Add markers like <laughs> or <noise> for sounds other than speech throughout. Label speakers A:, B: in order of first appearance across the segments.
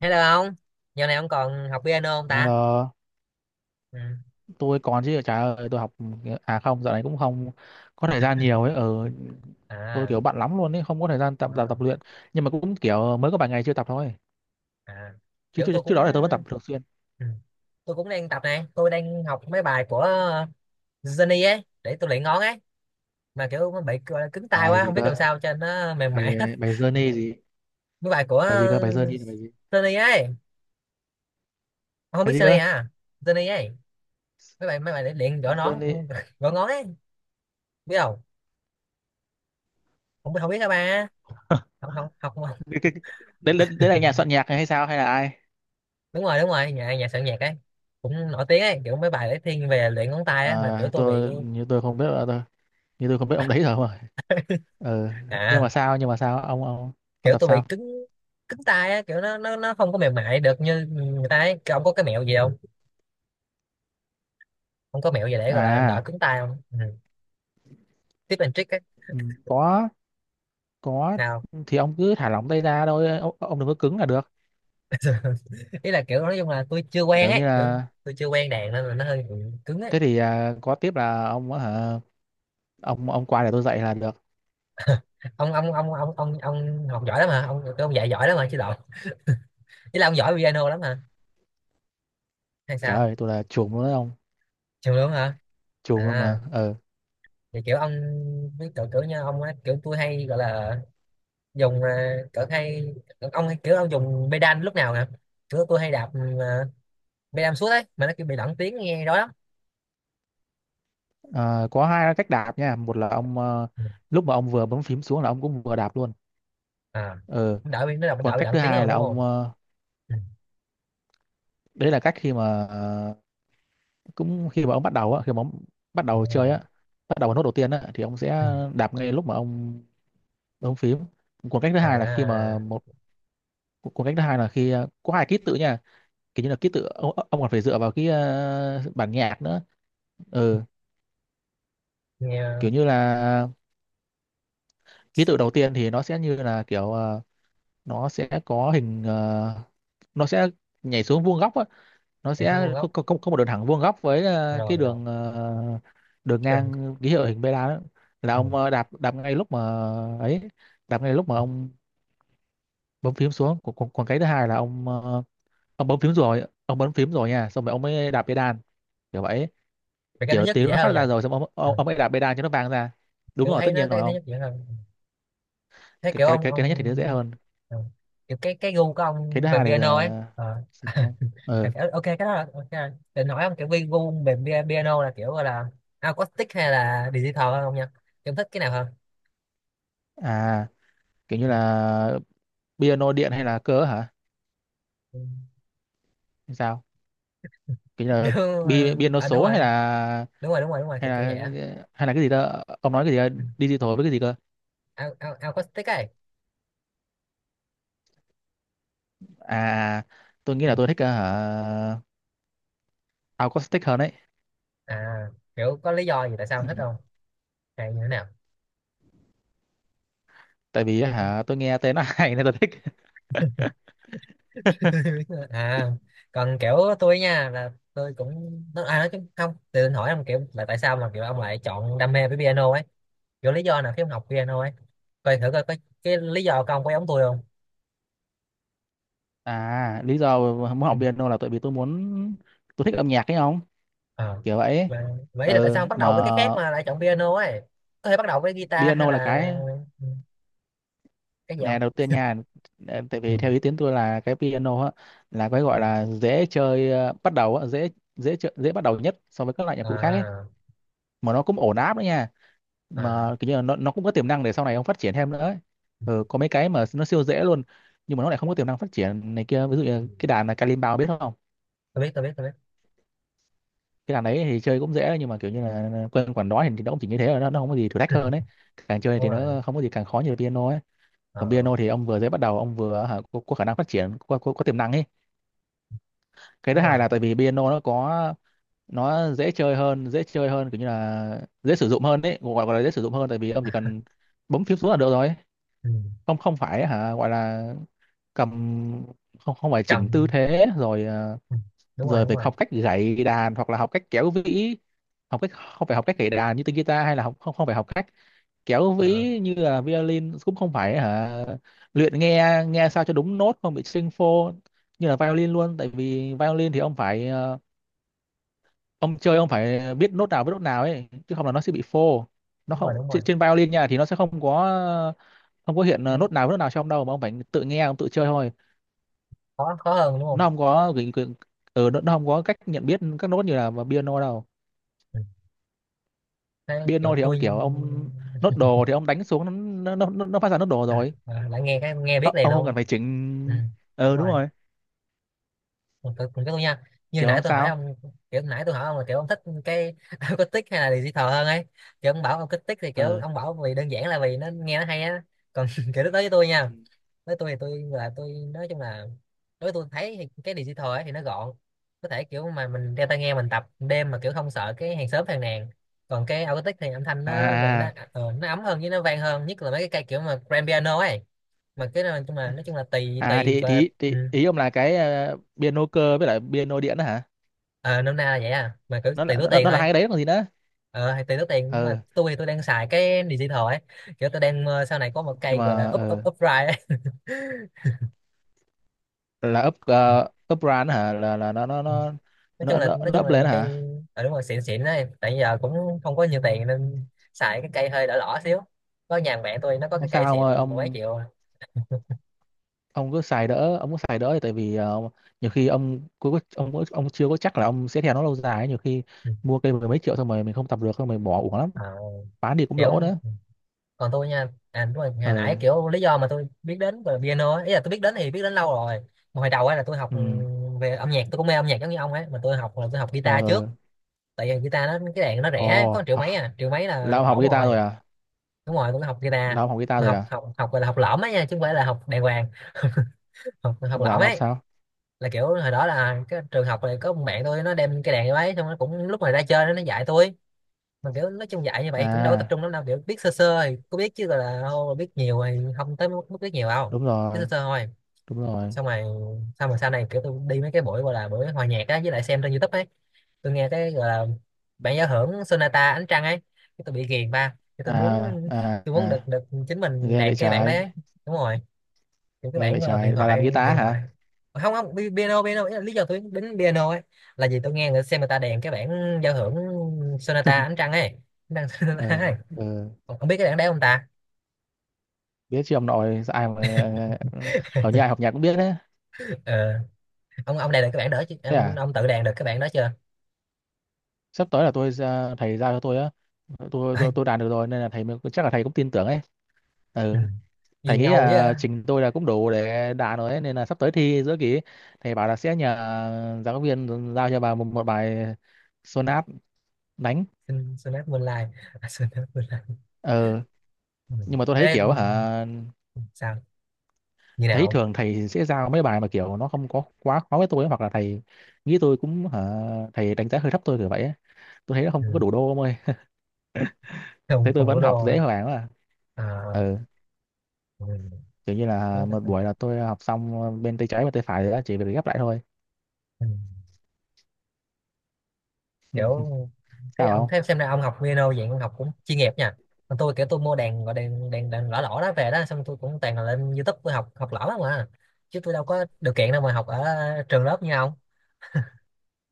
A: Hello ông, giờ này ông còn học piano không ta?
B: Hello,
A: Ừ.
B: tôi còn chứ, trời ơi, tôi học à không dạo này cũng không có thời gian nhiều ấy ở tôi
A: À,
B: kiểu bận lắm luôn ấy không có thời gian tập tập tập
A: wow.
B: luyện. Nhưng mà cũng kiểu mới có vài ngày chưa tập thôi,
A: À,
B: chứ
A: kiểu
B: trước
A: tôi
B: trước
A: cũng
B: đó là tôi vẫn tập thường xuyên.
A: ừ. Tôi cũng đang tập này, tôi đang học mấy bài của Johnny ấy để tôi luyện ngón ấy, mà kiểu nó bị gọi là cứng tay
B: Bài
A: quá,
B: gì
A: không biết làm
B: cơ?
A: sao cho nó mềm
B: bài
A: mại hết.
B: bài journey gì?
A: Mấy bài của
B: Bài gì cơ? Bài journey là bài gì?
A: Johnny ấy, ông không
B: Bài
A: biết
B: gì
A: Johnny
B: cơ?
A: hả? Johnny ấy, mấy bài để luyện gõ nón,
B: Journey.
A: <laughs> gõ ngón ấy, biết không? Không biết không biết hả ba? Không không học
B: cái, cái, đấy là nhà soạn nhạc hay sao hay là ai?
A: đúng rồi nhà nhà soạn nhạc ấy cũng nổi tiếng ấy kiểu mấy bài ấy thiên về luyện ngón tay á, mà
B: Tôi như tôi không biết là tôi, như tôi không biết ông đấy rồi. Ừ.
A: à
B: Nhưng mà sao ông
A: kiểu
B: tập
A: tôi bị
B: sao?
A: cứng cứng tay á, kiểu nó không có mềm mại được như người ta ấy. Cái ông có cái mẹo gì không, không có mẹo gì để gọi là đỡ
B: à
A: cứng tay không? Ừ. Tip and trick ấy
B: ừ, có có.
A: nào.
B: Thì ông cứ thả lỏng tay ra thôi ông đừng có cứng là được.
A: <laughs> Ý là kiểu nói chung là tôi chưa quen
B: Kiểu như
A: ấy, kiểu
B: là
A: tôi chưa quen đàn nên là nó hơi bị cứng ấy.
B: thế thì à, có tiếp là ông hả? Ông qua để tôi dạy là được.
A: Ông học giỏi lắm hả, ông dạy giỏi lắm hả, chứ lộn, ý là ông giỏi piano lắm hả hay
B: Trời
A: sao?
B: ơi tôi là chuồng luôn đấy ông,
A: Chưa đúng hả?
B: chuồng luôn
A: à
B: mà
A: thì kiểu ông với cỡ cỡ nha ông á, kiểu tôi hay gọi là dùng cỡ, hay ông hay kiểu ông dùng pedal lúc nào nè, kiểu tôi hay đạp pedal suốt ấy mà nó kiểu bị lẫn tiếng nghe đó lắm.
B: à, có hai cách đạp nha. Một là ông,
A: Ừ.
B: lúc mà ông vừa bấm phím xuống là ông cũng vừa đạp luôn.
A: À,
B: Ờ.
A: nó đỡ bị nó đỡ,
B: Còn
A: đỡ bị
B: cách
A: lẫn
B: thứ
A: tiếng
B: hai
A: hơn
B: là
A: đúng
B: ông,
A: không? Ừ.
B: đấy là cách khi mà cũng khi mà ông bắt đầu á, khi mà ông bắt đầu
A: Đúng
B: chơi
A: rồi.
B: á, bắt đầu vào nốt đầu tiên á, thì ông
A: Ừ.
B: sẽ đạp ngay lúc mà ông bấm phím. Còn cách thứ hai là khi mà
A: À,
B: một cuốn, cách thứ hai là khi có hai ký tự nha. Kiểu như là ký tự, ông còn phải dựa vào cái bản nhạc nữa. Ừ. Kiểu
A: nghe
B: như là ký tự đầu tiên thì nó sẽ như là kiểu nó sẽ có hình, nó sẽ nhảy xuống vuông góc á, nó
A: thì nó luôn
B: sẽ
A: gốc
B: có một đường thẳng vuông góc với cái
A: rồi rồi.
B: đường đường
A: Được.
B: ngang ký hiệu hình beta đó, là
A: Ừ.
B: ông đạp đạp ngay lúc mà ấy, đạp ngay lúc mà ông bấm phím xuống. Còn cái thứ hai là ông, ông bấm phím rồi nha, xong rồi ông mới đạp pedal, kiểu vậy.
A: Vậy cái thứ
B: Kiểu
A: nhất
B: tiếng
A: dễ
B: nó
A: hơn
B: phát ra
A: nha.
B: rồi xong
A: Ừ.
B: ông mới đạp pedal cho nó vang ra. Đúng
A: Kiểu
B: rồi
A: thấy
B: tất
A: nó
B: nhiên rồi
A: cái thứ
B: ông.
A: nhất dễ hơn, thế kiểu ông
B: Cái thứ nhất thì nó
A: ông
B: dễ hơn.
A: Ừ. Kiểu cái gu của
B: Cái
A: ông
B: thứ
A: về
B: hai này
A: piano ấy.
B: là
A: Ờ.
B: sao không?
A: <laughs> À,
B: Ừ.
A: ok cái đó là ok rồi. Định hỏi ông kiểu vi gu về piano là kiểu gọi là acoustic hay là digital hơn không nha, em thích cái nào hơn?
B: À. Kiểu như là piano điện hay là cơ hả,
A: Ừ.
B: hay sao, kiểu như là
A: Kiểu
B: piano
A: đúng
B: số hay
A: rồi
B: là,
A: đúng rồi
B: hay
A: kiểu kiểu vậy
B: là,
A: á.
B: hay là cái gì đó, ông nói cái gì đó,
A: Ừ.
B: digital với cái gì cơ?
A: Acoustic ấy.
B: À. Tôi nghĩ
A: Ừ.
B: là tôi thích, hả, acoustic hơn đấy.
A: À, kiểu có lý do gì tại sao ông
B: Ừ.
A: thích không hay như thế nào?
B: Tại vì hả tôi nghe tên nó <laughs> hay nên tôi thích. <laughs>
A: <laughs> À, còn kiểu tôi nha là tôi cũng à nói chung không, tôi định hỏi ông kiểu là tại sao mà kiểu ông lại chọn đam mê với piano ấy, kiểu lý do nào khi ông học piano ấy, coi thử coi có cái lý do của ông có giống tôi không.
B: À, lý do muốn học
A: Ừ.
B: piano là tại vì tôi muốn, tôi thích âm nhạc ấy không?
A: Ờ.
B: Kiểu vậy.
A: Mà, mà ý là tại sao
B: Ừ,
A: không bắt
B: mà
A: đầu với cái khác mà lại chọn piano ấy, có thể bắt đầu với guitar hay
B: piano là
A: là
B: cái
A: ừ, cái gì không?
B: nè đầu tiên nha. Tại
A: Ừ.
B: vì theo ý kiến tôi là cái piano á là cái
A: Ừ.
B: gọi là dễ chơi, bắt đầu á, dễ dễ chơi, dễ bắt đầu nhất so với các loại nhạc cụ khác ấy,
A: À
B: mà nó cũng ổn áp nữa nha.
A: à.
B: Mà kiểu như là nó cũng có tiềm năng để sau này ông phát triển thêm nữa ấy. Ừ, có mấy cái mà nó siêu dễ luôn, nhưng mà nó lại không có tiềm năng phát triển này kia. Ví dụ như
A: Ừ.
B: cái đàn là kalimba, ông biết không?
A: Tôi biết tôi biết tôi biết
B: Cái đàn đấy thì chơi cũng dễ, nhưng mà kiểu như là quên quản đó thì nó cũng chỉ như thế rồi, nó không có gì thử thách hơn đấy, càng chơi
A: đúng
B: thì
A: rồi.
B: nó không có gì càng khó như là piano ấy. Còn
A: Ờ,
B: piano thì ông vừa dễ bắt đầu ông vừa hả, có khả năng phát triển, có tiềm năng ấy. Cái thứ
A: đúng
B: hai
A: rồi.
B: là tại vì piano nó có, nó dễ chơi hơn, kiểu như là dễ sử dụng hơn đấy. Gọi là dễ sử dụng hơn. Tại vì ông chỉ cần bấm phím xuống là được rồi.
A: Ừ.
B: Không Không phải hả, gọi là cầm, không không phải chỉnh tư
A: Cầm.
B: thế rồi,
A: Ừ. Đúng rồi
B: rồi
A: đúng
B: phải
A: rồi.
B: học cách gảy đàn hoặc là học cách kéo vĩ. Học cách, không phải học cách gảy đàn như tiếng guitar, hay là học, không không phải học cách kéo
A: Ờ,
B: vĩ như là violin, cũng không phải hả luyện nghe, nghe sao cho đúng nốt không bị sinh phô như là violin luôn. Tại vì violin thì ông phải, ông chơi ông phải biết nốt nào với nốt nào ấy, chứ không là nó sẽ bị phô. Nó
A: đúng rồi
B: không
A: đúng rồi.
B: trên trên violin nha thì nó sẽ không có, không có hiện
A: Nó
B: nốt nào với nốt nào cho ông đâu, mà ông phải tự nghe, ông tự chơi thôi.
A: khó khó hơn đúng không?
B: Nó không có gửi- gửi- Ừ, nó không có cách nhận biết các nốt như là piano đâu.
A: Ừ. Thế kiểu
B: Piano thì ông
A: tôi
B: kiểu ông nốt đồ thì ông đánh xuống, nó phát ra nốt đồ
A: à,
B: rồi.
A: à, lại nghe cái nghe
B: Ờ,
A: biết liền
B: ông không
A: luôn.
B: cần phải
A: Ừ.
B: chỉnh.
A: Đúng
B: Ờ đúng
A: rồi,
B: rồi.
A: mình cứ nha, như
B: Kiểu
A: nãy
B: ông
A: tôi hỏi
B: sao
A: ông kiểu nãy tôi hỏi ông là kiểu ông thích cái <laughs> acoustic hay là digital hơn ấy, kiểu ông bảo acoustic thì kiểu
B: ờ
A: ông bảo vì đơn giản là vì nó nghe nó hay á. Còn <laughs> kiểu lúc đó với tôi nha, với tôi thì tôi là tôi nói chung là đối với tôi thấy thì cái digital ấy thì nó gọn, có thể kiểu mà mình đeo tai nghe mình tập đêm mà kiểu không sợ cái hàng xóm phàn nàn. Còn cái acoustic thì âm thanh
B: à
A: nó gọi
B: à
A: nó
B: à.
A: nó ấm hơn với nó vang hơn, nhất là mấy cái cây kiểu mà grand piano ấy. Mà cái nói chung là tùy
B: À,
A: tùy gọi là, ừ.
B: thì ý ông là cái, piano cơ với lại piano điện đó hả?
A: Ờ, nôm na là vậy, à mà cứ tùy túi tiền
B: Nó là
A: thôi.
B: hai cái đấy còn gì nữa.
A: Ờ, hay tùy túi tiền, nhưng mà
B: Ờ,
A: tôi thì tôi đang xài cái digital ấy, kiểu tôi đang sau này có một
B: nhưng
A: cây gọi là
B: mà
A: up up up ride ấy. <laughs>
B: là up up brand hả, là
A: Nói chung là nói
B: nó
A: chung
B: up
A: là
B: lên
A: cây,
B: hả?
A: ờ đúng rồi xịn xịn đấy, tại giờ cũng không có nhiều tiền nên xài cái cây hơi đỏ lỏ xíu, có nhà mẹ tôi nó có cái
B: Không
A: cây
B: sao ông
A: xịn
B: ơi
A: mười mấy
B: ông
A: triệu.
B: ông cứ xài đỡ, thì tại vì, nhiều khi ông cứ ông chưa có chắc là ông sẽ theo nó lâu dài ấy. Nhiều khi
A: Ừ.
B: mua cây mười mấy triệu xong rồi mình không tập được, xong rồi mình bỏ uổng lắm,
A: Ờ,
B: bán đi cũng
A: kiểu
B: lỗ nữa.
A: còn tôi nha, à đúng rồi hồi
B: Ờ.
A: nãy kiểu lý do mà tôi biết đến về piano ấy, ý là tôi biết đến thì biết đến lâu rồi, mà hồi đầu ấy là tôi học
B: Ừ.
A: về âm nhạc, tôi cũng mê âm nhạc giống như ông ấy, mà tôi học là tôi học guitar trước,
B: Ờ.
A: tại vì guitar nó cái đàn nó rẻ
B: Ồ,
A: có một triệu mấy,
B: à,
A: à triệu mấy là
B: là
A: học
B: ông học
A: ổn
B: guitar rồi
A: rồi.
B: à?
A: Đúng rồi tôi có học guitar,
B: là ông học guitar
A: mà
B: rồi
A: học
B: à
A: học học gọi là học lõm á nha chứ không phải là học đàng hoàng. <laughs> Học học
B: ông làm
A: lõm
B: ông học
A: ấy,
B: sao?
A: là kiểu hồi đó là cái trường học này có một bạn tôi nó đem cái đàn vô ấy, xong nó cũng lúc mà ra chơi nó dạy tôi. Mà kiểu nói chung dạy như vậy cũng đâu có tập
B: À
A: trung lắm đâu, kiểu biết sơ sơ thì có biết chứ gọi là ô, biết nhiều thì không tới mức mức biết nhiều đâu,
B: đúng
A: biết sơ
B: rồi
A: sơ thôi.
B: đúng rồi.
A: Xong rồi xong rồi sau này kiểu tôi đi mấy cái buổi gọi là buổi hòa nhạc á với lại xem trên YouTube ấy, tôi nghe cái gọi là bản giao hưởng Sonata Ánh Trăng ấy, cái tôi bị ghiền ba cái tôi muốn,
B: À à
A: tôi muốn được
B: à.
A: được chính mình
B: Ghê vậy
A: đàn cái bản đấy ấy.
B: trái.
A: Đúng rồi, những cái bản huyền
B: Là đàn
A: thoại
B: guitar
A: huyền thoại.
B: hả?
A: Không không piano piano, ý là lý do tôi đến piano ấy là vì tôi nghe người xem người ta đàn cái bản giao hưởng Sonata
B: <laughs>
A: Ánh Trăng ấy đang <laughs> Sonata
B: Ờ.
A: ấy.
B: Ờ.
A: Ông biết cái bản đấy không ta?
B: Biết chứ ông nội ai mà. Ờ, hầu như ai học nhạc cũng biết đấy.
A: Ờ, ông đàn được cái bản đó chứ,
B: Thế à?
A: ông tự đàn được cái bản đó chưa?
B: Sắp tới là thầy giao cho tôi á, tôi
A: <laughs>
B: đạt được rồi nên là chắc là thầy cũng tin tưởng ấy.
A: Ừ.
B: Ừ.
A: Gì
B: Thầy nghĩ
A: ngầu vậy.
B: là trình tôi là cũng đủ để đạt rồi ấy. Nên là sắp tới thi giữa kỳ ấy, thầy bảo là sẽ nhờ giáo viên giao cho bà một bài sonat đánh.
A: Sunset Moonlight. À, Sunset Moonlight.
B: Ừ.
A: Ừ.
B: Nhưng mà tôi thấy
A: Thế ừ,
B: kiểu hả,
A: sao, như
B: thấy
A: nào?
B: thường thầy sẽ giao mấy bài mà kiểu nó không có quá khó với tôi ấy. Hoặc là thầy nghĩ tôi cũng hả, thầy đánh giá hơi thấp tôi kiểu vậy ấy. Tôi thấy nó
A: Ừ.
B: không có đủ đô ông ơi.
A: Không
B: Thấy tôi
A: không đủ
B: vẫn học
A: đô hả?
B: dễ hoàng quá à.
A: À.
B: Ừ.
A: Ừ.
B: Kiểu như là
A: Nói thật
B: một
A: là,
B: buổi là tôi học xong bên tay trái và tay phải rồi á, chỉ việc ghép lại thôi.
A: ừ. Kiểu
B: <laughs>
A: thế
B: Sao
A: ông
B: không?
A: thế xem ra ông học piano vậy ông học cũng chuyên nghiệp nha. Còn tôi kiểu tôi mua đàn gọi đàn đàn đàn lõ lõ đó về đó, xong tôi cũng toàn là lên YouTube tôi học học lõ đó mà, chứ tôi đâu có điều kiện đâu mà học ở trường lớp như ông.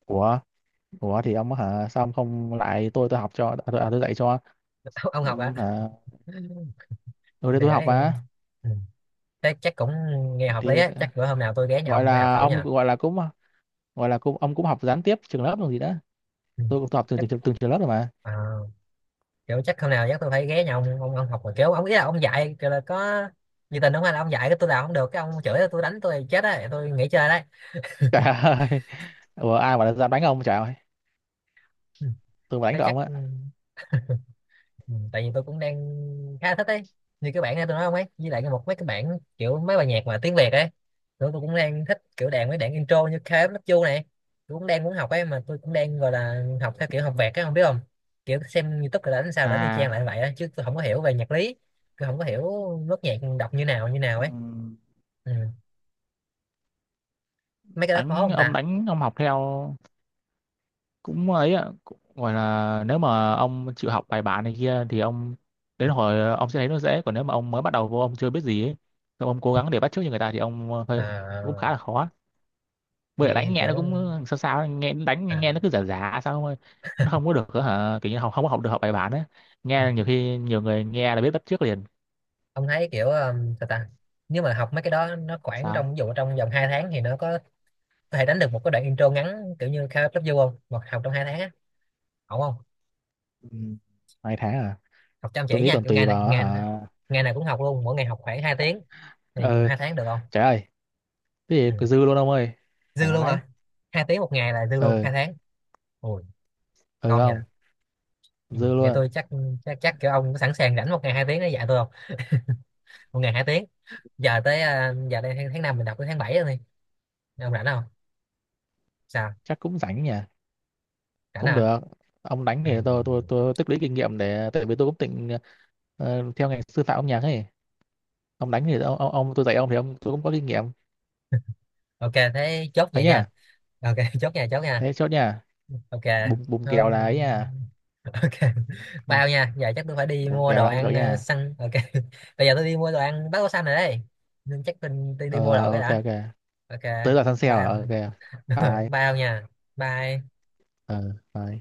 B: Ủa, ủa thì ông hả, sao ông không lại tôi học cho, à, tôi dạy cho.
A: <laughs> Ông
B: Ừ,
A: học à?
B: hả ừ,
A: Thì
B: đấy tôi học
A: đấy.
B: mà.
A: Ừ. Thế chắc cũng nghe hợp
B: Thì
A: lý á,
B: ờ,
A: chắc bữa hôm nào tôi ghé nhà
B: gọi
A: ông tôi học
B: là
A: thử
B: ông
A: nha.
B: gọi là cũng gọi là cũng ông cũng học gián tiếp trường lớp còn gì đó.
A: Ừ.
B: Tôi cũng tôi học từng
A: Chắc
B: từng, từng trường lớp rồi mà.
A: à, kiểu chắc hôm nào chắc tôi phải ghé nhà ông ông học rồi kiểu ông ý là ông dạy kiểu là có nhiệt tình không, hay là ông dạy cái tôi làm không được cái ông chửi tôi đánh tôi chết đấy tôi nghỉ chơi đấy.
B: <laughs> Trời ơi. Ủa ai mà dám đánh ông trời ơi,
A: Ừ.
B: tôi mà đánh
A: Thế
B: được
A: chắc
B: ông á.
A: ừ, ừ, tại vì tôi cũng đang khá thích ấy, như cái bản này tôi nói không ấy với lại một mấy cái bản kiểu mấy bài nhạc mà tiếng Việt ấy, kiểu tôi cũng đang thích kiểu đàn mấy đàn intro như KF Love You này, tôi cũng đang muốn học ấy mà tôi cũng đang gọi là học theo kiểu học vẹt ấy không biết không, kiểu xem YouTube rồi đánh sao đánh y chang
B: À.
A: lại vậy á, chứ tôi không có hiểu về nhạc lý, tôi không có hiểu nốt nhạc đọc như nào ấy.
B: Ừm,
A: Ừ. Mấy cái đó khó không ta?
B: đánh ông học theo cũng ấy ạ, cũng gọi là nếu mà ông chịu học bài bản này kia thì ông đến hồi ông sẽ thấy nó dễ, còn nếu mà ông mới bắt đầu vô, ông chưa biết gì ấy, xong ông cố gắng để bắt chước như người ta thì ông, hơi cũng khá
A: À,
B: là khó. Với lại
A: vậy
B: đánh
A: thì
B: nghe
A: kiểu
B: nó cũng, sao sao nghe đánh
A: à,
B: nghe nó cứ giả giả sao không ơi. Nó không có được, hả kiểu như học không có học được học bài bản á, nghe nhiều khi nhiều người nghe là biết bắt chước liền.
A: ông thấy kiểu sao ta nếu mà học mấy cái đó nó khoảng trong
B: Sao.
A: ví dụ trong vòng 2 tháng thì nó có thể đánh được một cái đoạn intro ngắn kiểu như KFW không, một học trong 2 tháng á ổn không?
B: Ừ. Hai tháng à?
A: Học chăm
B: Tôi
A: chỉ
B: nghĩ
A: nha
B: còn
A: kiểu
B: tùy vào
A: ngày
B: hả.
A: ngày nào cũng học luôn, mỗi ngày học khoảng 2 tiếng thì
B: Ờ,
A: 2 tháng được không?
B: trời ơi cái gì
A: Ừ.
B: cứ dư luôn ông ơi. Thoải
A: Dư luôn
B: mái.
A: hả, 2 tiếng một ngày là dư luôn
B: Ờ.
A: 2 tháng. Ui
B: Ừ
A: ngon nha.
B: không,
A: Ừ.
B: dư
A: Vậy
B: luôn.
A: tôi chắc, chắc kiểu ông có sẵn sàng rảnh một ngày 2 tiếng để dạy tôi không, một ngày 2 tiếng, giờ tới à, giờ đây tháng 5 mình đọc tới tháng 7 rồi. Nghe ông rảnh không? Sao,
B: Chắc cũng rảnh nhỉ.
A: rảnh
B: Cũng
A: à?
B: được. Ông đánh
A: Ừ.
B: thì tôi tích lũy kinh nghiệm để tại vì tôi cũng định, theo ngành sư phạm âm nhạc ấy. Ông đánh thì ông tôi dạy ông thì ông tôi cũng có kinh nghiệm.
A: Ok thế chốt
B: Thế
A: vậy nha.
B: nhá.
A: Ok <laughs> chốt nha chốt nha.
B: Thế chốt nha.
A: Ok
B: Bùng Bùng
A: thôi.
B: kèo là ấy nha.
A: Ok <laughs>
B: Ừ,
A: bao nha, giờ chắc tôi phải đi
B: bùng
A: mua
B: kèo
A: đồ
B: là không được
A: ăn
B: nha.
A: xăng ok <laughs> bây giờ tôi đi mua đồ ăn bát có xanh rồi đây, nên chắc tôi đi mua
B: Ờ
A: đồ cái
B: ok
A: đã.
B: ok.
A: Ok
B: Tới giờ săn sale
A: bao
B: à? Ok.
A: <laughs> đúng rồi
B: Bye.
A: bao nha. Bye.
B: Ờ. Bye.